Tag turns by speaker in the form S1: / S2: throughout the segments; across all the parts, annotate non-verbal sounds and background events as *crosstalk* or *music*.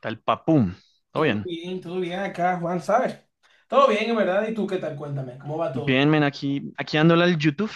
S1: Tal papum. ¿Todo bien?
S2: Todo bien acá, Juan, ¿sabes? Todo bien, en verdad. ¿Y tú qué tal? Cuéntame, ¿cómo va todo?
S1: Bien, men, aquí dándole al YouTube,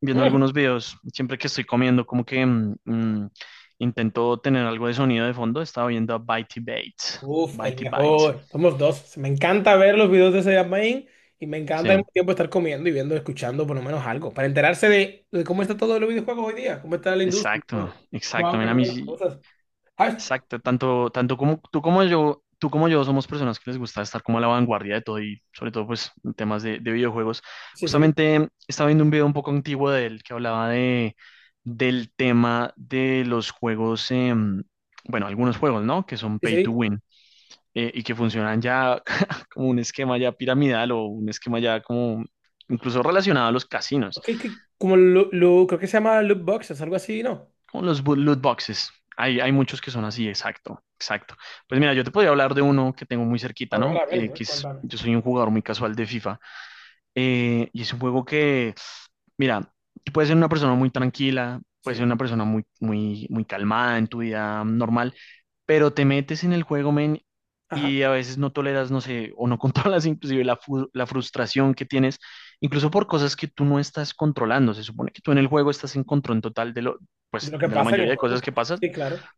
S1: viendo
S2: Mm,
S1: algunos videos. Siempre que estoy comiendo, como que intento tener algo de sonido de fondo. Estaba viendo a Bitey Bates.
S2: Uf, el
S1: Bitey Bytes.
S2: mejor. Somos dos. Me encanta ver los videos de ese Main y me
S1: Sí,
S2: encanta al mismo tiempo estar comiendo y viendo, escuchando por lo menos algo, para enterarse de cómo está todo los videojuegos hoy día, cómo está la industria y
S1: exacto,
S2: todo.
S1: exacto.
S2: Juan, que
S1: Men, a
S2: no
S1: mí
S2: Las
S1: sí-
S2: cosas. Ah,
S1: Exacto, tanto, tanto como tú como yo somos personas que les gusta estar como a la vanguardia de todo y sobre todo pues en temas de videojuegos.
S2: sí, sí,
S1: Justamente estaba viendo un video un poco antiguo de él que hablaba del tema de los juegos, bueno, algunos juegos, ¿no? Que son
S2: sí,
S1: pay to
S2: sí.
S1: win y que funcionan ya *laughs* como un esquema ya piramidal o un esquema ya como incluso relacionado a los casinos.
S2: Ok, que- como lo, creo que se llama loot boxes, algo así, ¿no?
S1: Como los loot boxes. Hay muchos que son así, exacto, exacto. Pues mira, yo te podría hablar de uno que tengo muy cerquita,
S2: A ver,
S1: ¿no?
S2: a ver, a
S1: Eh,
S2: ver,
S1: que es,
S2: cuéntame.
S1: yo soy un jugador muy casual de FIFA. Y es un juego que, mira, tú puedes ser una persona muy tranquila, puedes ser
S2: Sí.
S1: una persona muy, muy, muy calmada en tu vida normal, pero te metes en el juego, men,
S2: Ajá.
S1: y a veces no toleras, no sé, o no *laughs* controlas inclusive la frustración que tienes, incluso por cosas que tú no estás controlando. Se supone que tú en el juego estás en control total
S2: De
S1: pues,
S2: lo que
S1: de la
S2: pasa en el
S1: mayoría de
S2: juego,
S1: cosas que
S2: pues.
S1: pasan,
S2: Sí, claro.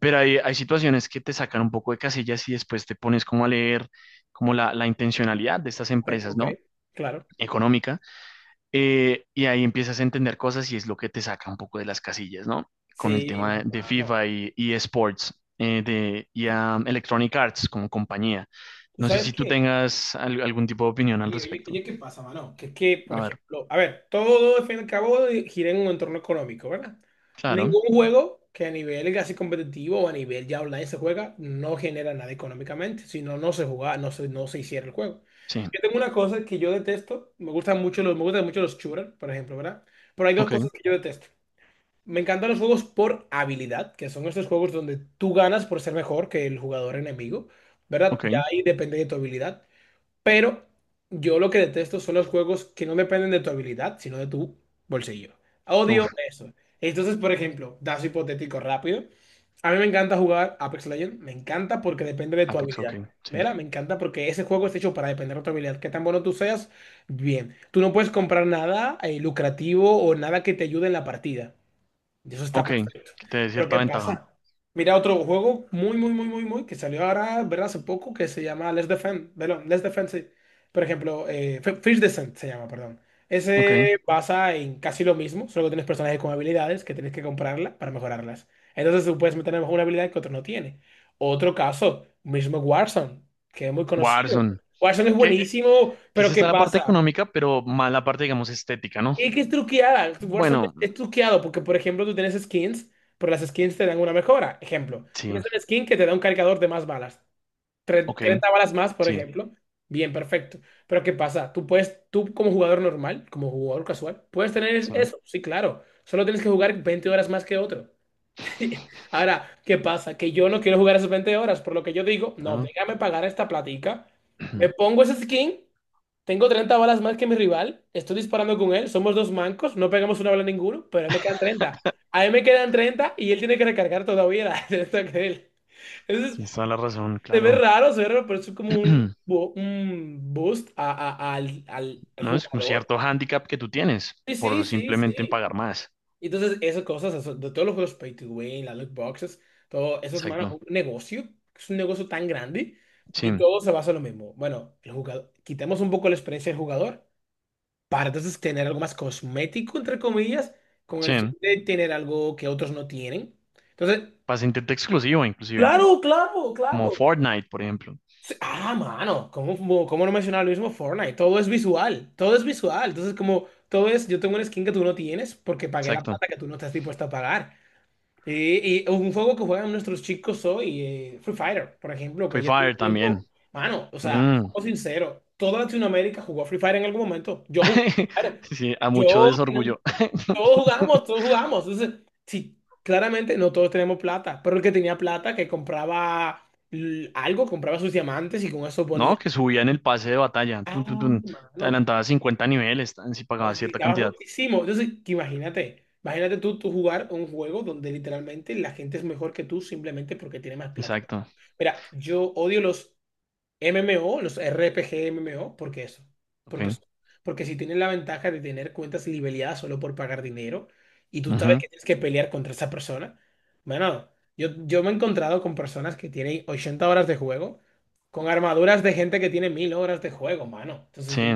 S1: pero hay situaciones que te sacan un poco de casillas y después te pones como a leer como la intencionalidad de estas
S2: Ok,
S1: empresas,
S2: ok,
S1: ¿no?
S2: claro.
S1: Económica y ahí empiezas a entender cosas y es lo que te saca un poco de las casillas, ¿no? Con el
S2: Sí, mi
S1: tema de
S2: hermano.
S1: FIFA y esports, y a Electronic Arts como compañía.
S2: ¿Tú
S1: No sé
S2: sabes
S1: si tú
S2: qué?
S1: tengas algún tipo de opinión al
S2: Oye, oye,
S1: respecto.
S2: oye, ¿qué pasa, mano? Que es que, por
S1: A ver,
S2: ejemplo, a ver, todo al fin y al cabo gira en un entorno económico, ¿verdad?
S1: claro,
S2: Ningún juego que a nivel casi competitivo o a nivel ya online se juega no genera nada económicamente, si no, no se juega, no se, no se hiciera el juego.
S1: sí,
S2: Yo tengo una cosa que yo detesto, me gustan mucho los, me gustan mucho los shooters, por ejemplo, ¿verdad? Pero hay dos
S1: ok,
S2: cosas que yo detesto. Me encantan los juegos por habilidad, que son estos juegos donde tú ganas por ser mejor que el jugador enemigo, ¿verdad? Ya
S1: ok.
S2: ahí depende de tu habilidad. Pero yo lo que detesto son los juegos que no dependen de tu habilidad, sino de tu bolsillo. Odio
S1: Uf,
S2: eso. Entonces, por ejemplo, dato hipotético rápido. A mí me encanta jugar Apex Legends, me encanta porque depende de tu
S1: Apex,
S2: habilidad.
S1: ok, sí.
S2: ¿Verdad? Me encanta porque ese juego está hecho para depender de tu habilidad. Qué tan bueno tú seas, bien. Tú no puedes comprar nada lucrativo o nada que te ayude en la partida. Y eso está
S1: Ok,
S2: perfecto.
S1: que te dé
S2: Pero
S1: cierta
S2: ¿qué
S1: ventaja.
S2: pasa? Mira otro juego muy, muy, muy, muy, muy, que salió ahora, ¿verdad? Hace poco, que se llama Let's Defend. Perdón, Let's Defend, sí. Por ejemplo, Fish Descent se llama, perdón.
S1: Ok,
S2: Ese basa en casi lo mismo, solo que tienes personajes con habilidades que tienes que comprarla para mejorarlas. Entonces tú puedes meter a lo mejor una habilidad que otro no tiene. Otro caso, mismo Warzone, que es muy conocido.
S1: Warzone.
S2: Warzone es
S1: Que,
S2: buenísimo,
S1: que sí
S2: pero ¿qué
S1: está la parte
S2: pasa?
S1: económica, pero más la parte, digamos, estética, ¿no?
S2: Y que es truqueada. Warzone
S1: Bueno,
S2: es truqueado porque, por ejemplo, tú tienes skins, pero las skins te dan una mejora. Ejemplo,
S1: sí,
S2: tienes una skin que te da un cargador de más balas.
S1: ok,
S2: 30 balas más, por
S1: sí,
S2: ejemplo. Bien, perfecto. Pero ¿qué pasa? Tú puedes, tú como jugador normal, como jugador casual, puedes tener
S1: sí.
S2: eso. Sí, claro. Solo tienes que jugar 20 horas más que otro. *laughs* Ahora, ¿qué pasa? Que yo no quiero jugar esas 20 horas, por lo que yo digo, no,
S1: Ah.
S2: déjame pagar esta platica, me
S1: *clears throat*
S2: pongo ese skin, tengo 30 balas más que mi rival, estoy disparando con él, somos dos mancos, no pegamos una bala ninguno, pero a él me quedan 30. A él me quedan 30 y él tiene que recargar todavía la *laughs* de esto que él. Entonces,
S1: Tienes toda la razón, claro.
S2: se ve raro, pero es como
S1: *clears throat*
S2: un boost al al
S1: No es como
S2: jugador.
S1: cierto hándicap que tú tienes
S2: Sí, sí,
S1: por
S2: sí,
S1: simplemente
S2: sí.
S1: pagar más.
S2: Y entonces, esas cosas, eso- de todos los juegos pay to win, las loot boxes, todo eso es man,
S1: Exacto.
S2: un negocio, es un negocio tan grande
S1: Sí,
S2: y todo se basa en lo mismo. Bueno, el jugador, quitemos un poco la experiencia del jugador para entonces tener algo más cosmético, entre comillas, con
S1: sí.
S2: el fin de tener algo que otros no tienen. Entonces,
S1: Para intento exclusivo, inclusive.
S2: claro, claro,
S1: Como
S2: claro.
S1: Fortnite, por ejemplo.
S2: Sí, ah, mano, ¿cómo, cómo no mencionar lo mismo Fortnite? Todo es visual, todo es visual. Entonces, como todo es, yo tengo una skin que tú no tienes porque pagué la
S1: Exacto.
S2: plata que tú no estás dispuesto a pagar. Sí, y un juego que juegan nuestros chicos hoy, Free Fire, por ejemplo, que
S1: Free
S2: ya tiene
S1: Fire
S2: tiempo,
S1: también.
S2: mano, o sea,
S1: Mm.
S2: siendo sincero, toda Latinoamérica jugó a Free Fire en algún momento. Yo jugué
S1: *laughs*
S2: a Free Fire.
S1: Sí, a mucho
S2: Yo, tenía-
S1: desorgullo.
S2: todos jugamos, todos
S1: *laughs*
S2: jugamos. Entonces, sí, claramente no todos tenemos plata, pero el que tenía plata, que compraba algo, compraba sus diamantes y con eso ponía.
S1: No, que subían el pase de batalla. Tun, tun,
S2: Ah,
S1: tun. Te
S2: mano.
S1: adelantabas 50 niveles tan, si pagabas cierta
S2: Estaba
S1: cantidad.
S2: rotísimo. Entonces, que imagínate, imagínate tú, tú jugar un juego donde literalmente la gente es mejor que tú simplemente porque tiene más plata.
S1: Exacto.
S2: Mira, yo odio los MMO, los RPG MMO, ¿por qué eso? Porque,
S1: Ok.
S2: eso- porque si tienen la ventaja de tener cuentas libeleadas solo por pagar dinero y tú sabes
S1: Ujú.
S2: que tienes que pelear contra esa persona, bueno, yo me he encontrado con personas que tienen 80 horas de juego con armaduras de gente que tiene 1000 horas de juego, mano. Entonces
S1: Sí.
S2: digo,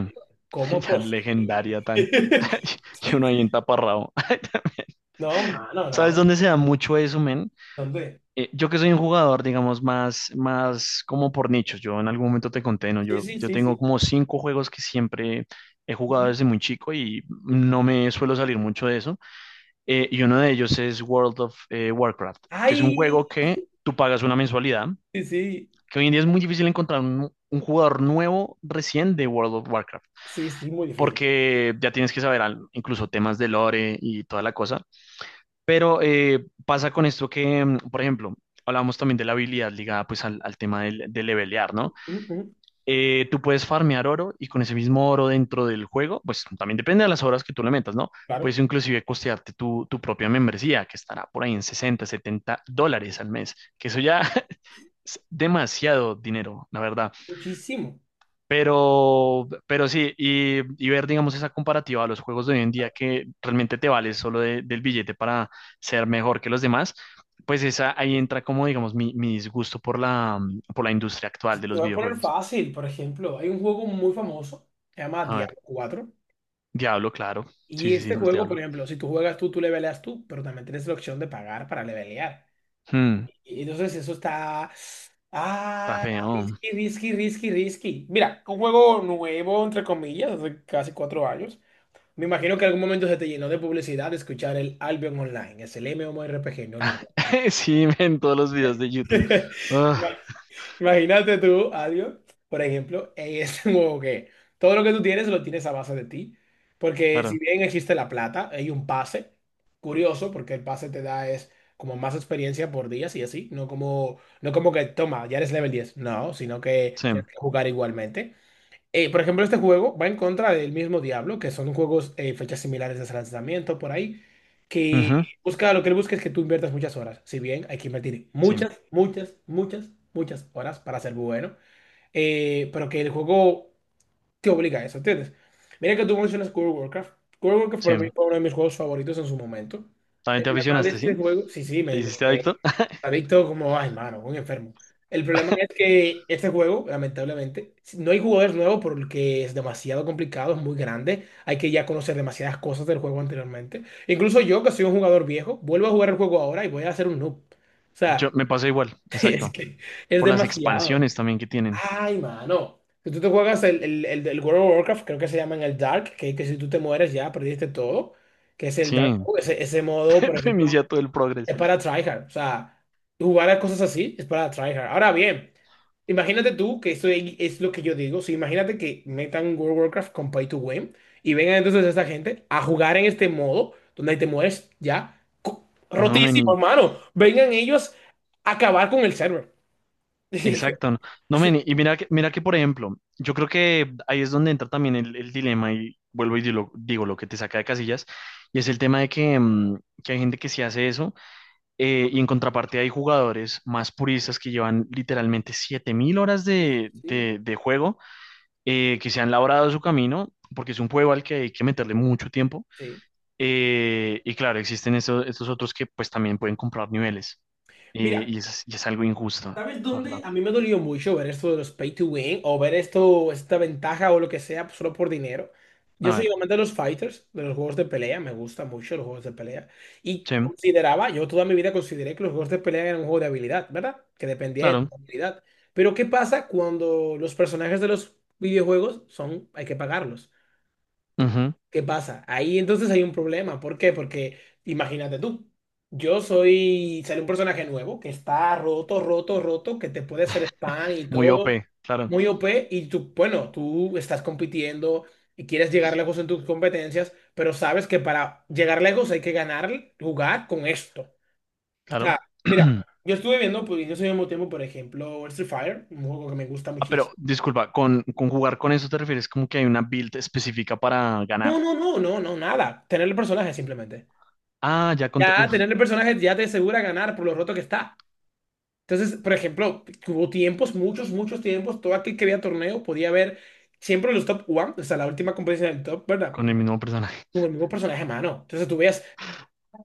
S2: ¿cómo es
S1: *laughs* La legendaria
S2: posible?
S1: tan. *laughs*
S2: *laughs*
S1: Y uno ahí entaparrado. *laughs*
S2: No, mano,
S1: ¿Sabes
S2: no.
S1: dónde se da mucho eso, men?
S2: ¿Dónde?
S1: Yo que soy un jugador, digamos, más, más como por nichos. Yo en algún momento te conté, ¿no?
S2: Sí,
S1: Yo,
S2: sí,
S1: yo
S2: sí,
S1: tengo
S2: sí.
S1: como cinco juegos que siempre he jugado
S2: Ujú.
S1: desde muy chico y no me suelo salir mucho de eso. Y uno de ellos es World of Warcraft, que es un
S2: Ay,
S1: juego que tú pagas una mensualidad,
S2: sí, sí,
S1: que hoy en día es muy difícil encontrar un jugador nuevo recién de World of Warcraft,
S2: sí, sí, muy difícil.
S1: porque ya tienes que saber incluso temas de lore y toda la cosa. Pero pasa con esto que, por ejemplo, hablábamos también de la habilidad ligada pues al tema de levelear, ¿no?
S2: Ujú,
S1: Tú puedes farmear oro y con ese mismo oro dentro del juego, pues también depende de las horas que tú le metas, ¿no?
S2: claro.
S1: Puedes inclusive costearte tu propia membresía, que estará por ahí en $60, $70 al mes, que eso ya *laughs* es demasiado dinero, la verdad.
S2: Muchísimo.
S1: Pero sí, y ver, digamos, esa comparativa a los juegos de hoy en día que realmente te vale solo del billete para ser mejor que los demás, pues esa, ahí entra como, digamos, mi disgusto por la industria
S2: Si
S1: actual de
S2: te
S1: los
S2: voy a poner
S1: videojuegos.
S2: fácil, por ejemplo, hay un juego muy famoso, se llama
S1: A ver,
S2: Diablo 4,
S1: Diablo, claro. Sí,
S2: y
S1: sí, sí,
S2: este
S1: los
S2: juego, por
S1: Diablo.
S2: ejemplo, si tú juegas tú, tú leveleas tú, pero también tienes la opción de pagar para levelear.
S1: Hmm,
S2: Y entonces eso está...
S1: está
S2: Ah,
S1: feo.
S2: risky, risky, risky, risky. Mira, un juego nuevo, entre comillas, hace casi 4 años. Me imagino que en algún momento se te llenó de publicidad de escuchar el Albion Online, es el MMORPG no lineal.
S1: *laughs* Sí, en todos los videos de YouTube.
S2: *laughs*
S1: Ah,
S2: Imagínate tú, Adio, por ejemplo, en este *laughs* juego que todo lo que tú tienes lo tienes a base de ti. Porque si
S1: claro,
S2: bien existe la plata, hay un pase. Curioso, porque el pase te da es como más experiencia por días y así. No como, no como que toma, ya eres level 10. No, sino que
S1: sí.
S2: tienes que jugar igualmente. Por ejemplo, este juego va en contra del mismo Diablo, que son juegos fechas similares de su lanzamiento por ahí, que
S1: Ujú,
S2: busca lo que él busca es que tú inviertas muchas horas. Si bien hay que invertir
S1: sí,
S2: muchas, muchas, muchas, muchas horas para ser bueno, pero que el juego te obliga a eso, ¿entiendes? Mira que tú mencionas World of Warcraft. World of Warcraft
S1: sí.
S2: para mí fue uno de mis juegos favoritos en su momento.
S1: También
S2: El
S1: te
S2: problema de
S1: aficionaste,
S2: este
S1: ¿sí?
S2: juego, sí, sí,
S1: ¿Te hiciste adicto? *laughs*
S2: Adicto como, ay, mano, un enfermo. El problema es que este juego, lamentablemente, si no hay jugadores nuevos porque es demasiado complicado, es muy grande. Hay que ya conocer demasiadas cosas del juego anteriormente. Incluso yo, que soy un jugador viejo, vuelvo a jugar el juego ahora y voy a hacer un noob. O
S1: Yo
S2: sea,
S1: me pasó igual,
S2: *laughs* es
S1: exacto.
S2: que es
S1: Por las
S2: demasiado.
S1: expansiones también que tienen.
S2: Ay, mano. Si tú te juegas el World of Warcraft, creo que se llama en el Dark, que si tú te mueres ya perdiste todo, que es el Dark,
S1: Sí,
S2: Mode, ese modo, por
S1: *laughs*
S2: ejemplo.
S1: reinicia todo el progreso.
S2: Es para tryhard. O sea, jugar a cosas así es para tryhard. Ahora bien, imagínate tú que esto es lo que yo digo. Si imagínate que metan un World of Warcraft con Pay to Win y vengan entonces esta gente a jugar en este modo donde te mueres ya co-
S1: No,
S2: rotísimo,
S1: meni,
S2: hermano. Vengan ellos a acabar con el server.
S1: exacto.
S2: *laughs*
S1: No, no, meni, y mira que, por ejemplo, yo creo que ahí es donde entra también el dilema y vuelvo y digo lo que te saca de casillas, y es el tema de que hay gente que sí hace eso, y en contraparte hay jugadores más puristas que llevan literalmente 7000 horas
S2: Sí,
S1: de,
S2: sí.
S1: de, de juego, que se han labrado su camino, porque es un juego al que hay que meterle mucho tiempo.
S2: Sí.
S1: Y claro, existen estos otros que pues también pueden comprar niveles. Eh,
S2: Mira,
S1: y es, y es algo injusto, la
S2: ¿sabes
S1: ¿verdad?
S2: dónde? A mí me dolió mucho ver esto de los pay to win o ver esto, esta ventaja o lo que sea pues, solo por dinero. Yo
S1: A
S2: soy
S1: ver,
S2: amante de los fighters, de los juegos de pelea, me gustan mucho los juegos de pelea. Y
S1: sí,
S2: consideraba, yo toda mi vida consideré que los juegos de pelea eran un juego de habilidad, ¿verdad? Que dependía de tu
S1: claro.
S2: habilidad. Pero ¿qué pasa cuando los personajes de los videojuegos son, hay que pagarlos?
S1: Ujú.
S2: ¿Qué pasa? Ahí entonces hay un problema. ¿Por qué? Porque imagínate tú, yo soy, sale un personaje nuevo que está roto, roto, roto, que te puede hacer spam y
S1: Muy
S2: todo,
S1: OP, claro,
S2: muy OP, y tú, bueno, tú estás compitiendo y quieres llegar lejos en tus competencias, pero sabes que para llegar lejos hay que ganar, jugar con esto. O sea,
S1: claro.
S2: mira,
S1: *clears throat*
S2: yo estuve viendo, pues, en ese mismo tiempo, por ejemplo, Street Fighter, un juego que me gusta
S1: Ah, pero
S2: muchísimo.
S1: disculpa, con jugar con eso te refieres como que hay una build específica para ganar.
S2: No, no, no, no, no, nada. Tener el personaje simplemente.
S1: Ah, ya con,
S2: Ya
S1: uf,
S2: tener el personaje ya te asegura ganar por lo roto que está. Entonces, por ejemplo, hubo tiempos, muchos, muchos tiempos, todo aquel que veía torneo podía ver siempre los top one, o sea, la última competencia del top, ¿verdad?
S1: con el mismo personaje.
S2: Con el
S1: *laughs*
S2: mismo personaje, mano. Entonces tú veías,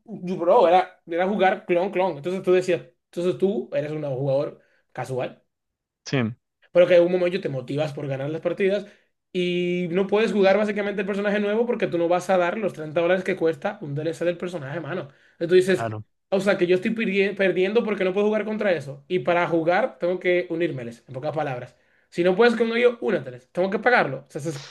S2: bro, era, era jugar clon, clon. Entonces tú decías, entonces tú eres un jugador casual.
S1: Sí,
S2: Pero que en un momento te motivas por ganar las partidas y no puedes jugar básicamente el personaje nuevo porque tú no vas a dar los $30 que cuesta un DLC del personaje, mano. Entonces tú dices,
S1: claro.
S2: o sea, que yo estoy perdiendo porque no puedo jugar contra eso. Y para jugar tengo que unírmeles, en pocas palabras. Si no puedes con ellos, úneteles. Tengo que pagarlo. O sea, eso es- o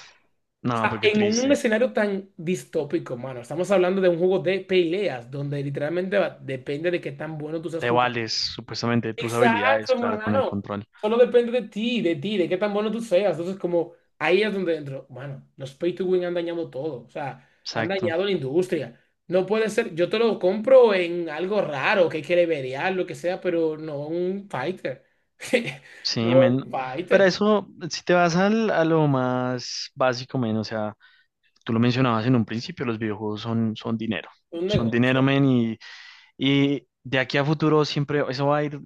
S1: No,
S2: sea,
S1: pero qué
S2: en
S1: triste.
S2: un escenario tan distópico, mano, estamos hablando de un juego de peleas donde literalmente va- depende de qué tan bueno tú seas
S1: Te
S2: jugando.
S1: vales supuestamente de tus
S2: Exacto,
S1: habilidades, claro, con el
S2: hermano.
S1: control.
S2: Solo depende de ti, de ti, de qué tan bueno tú seas. Entonces, como ahí es donde entro. Mano. Los pay to win han dañado todo. O sea, han
S1: Exacto.
S2: dañado la industria. No puede ser, yo te lo compro en algo raro, que hay que levelear, lo que sea, pero no un fighter. *laughs*
S1: Sí,
S2: No
S1: men.
S2: un
S1: Pero
S2: fighter,
S1: eso, si te vas a lo más básico, men, o sea, tú lo mencionabas en un principio, los videojuegos son dinero.
S2: un
S1: Son dinero,
S2: negocio.
S1: men, y de aquí a futuro siempre eso va a ir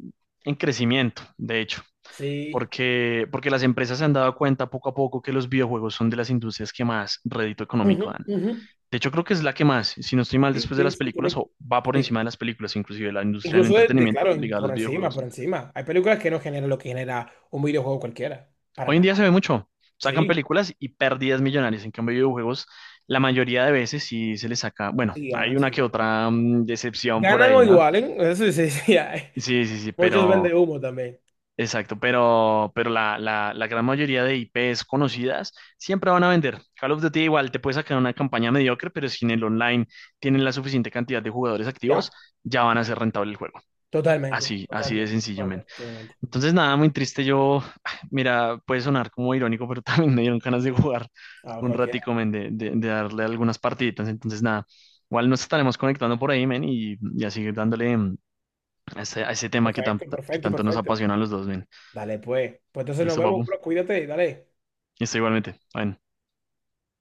S1: en crecimiento, de hecho,
S2: Sí.
S1: porque, las empresas se han dado cuenta poco a poco que los videojuegos son de las industrias que más rédito
S2: Ujú,
S1: económico dan.
S2: ujú.
S1: De hecho, creo que es la que más, si no estoy mal,
S2: Sí,
S1: después de
S2: sí,
S1: las
S2: sí,
S1: películas,
S2: tiene que-
S1: o va por
S2: sí.
S1: encima de las películas, inclusive la industria del
S2: Incluso
S1: entretenimiento
S2: claro, en-
S1: ligada a
S2: por
S1: los
S2: encima, por
S1: videojuegos.
S2: encima. Hay películas que no generan lo que genera un videojuego cualquiera. Para
S1: Hoy en
S2: nada.
S1: día se ve mucho. Sacan
S2: Sí.
S1: películas y pérdidas millonarias. En cambio, videojuegos, la mayoría de veces sí se les saca. Bueno,
S2: Sí,
S1: hay
S2: ganan, sí.
S1: una que
S2: Ganan.
S1: otra decepción por
S2: Ganan o
S1: ahí, ¿no?
S2: igualen, eso sí, *laughs* sí, sí, hay.
S1: Sí, sí, sí,
S2: Muchos
S1: pero.
S2: venden humo también.
S1: Exacto, pero la gran mayoría de IPs conocidas siempre van a vender. Call of Duty igual te puede sacar una campaña mediocre, pero si en el online tienen la suficiente cantidad de jugadores activos,
S2: ¿Ya?
S1: ya van a ser rentable el juego.
S2: Totalmente,
S1: Así de
S2: totalmente,
S1: sencillo, men.
S2: totalmente. Totalmente.
S1: Entonces, nada, muy triste. Yo, *sighs* mira, puede sonar como irónico, pero *laughs* también me dieron ganas de jugar
S2: Ah,
S1: un
S2: cualquiera.
S1: ratico, men, de darle algunas partiditas. Entonces, nada, igual nos estaremos conectando por ahí, men, y a seguir dándole a ese tema que, tan-
S2: Perfecto,
S1: que
S2: perfecto,
S1: tanto nos
S2: perfecto.
S1: apasiona a los dos, men.
S2: Dale, pues. Pues entonces nos
S1: Listo,
S2: vemos,
S1: papu.
S2: bro. Cuídate y dale.
S1: Listo, igualmente. Bueno.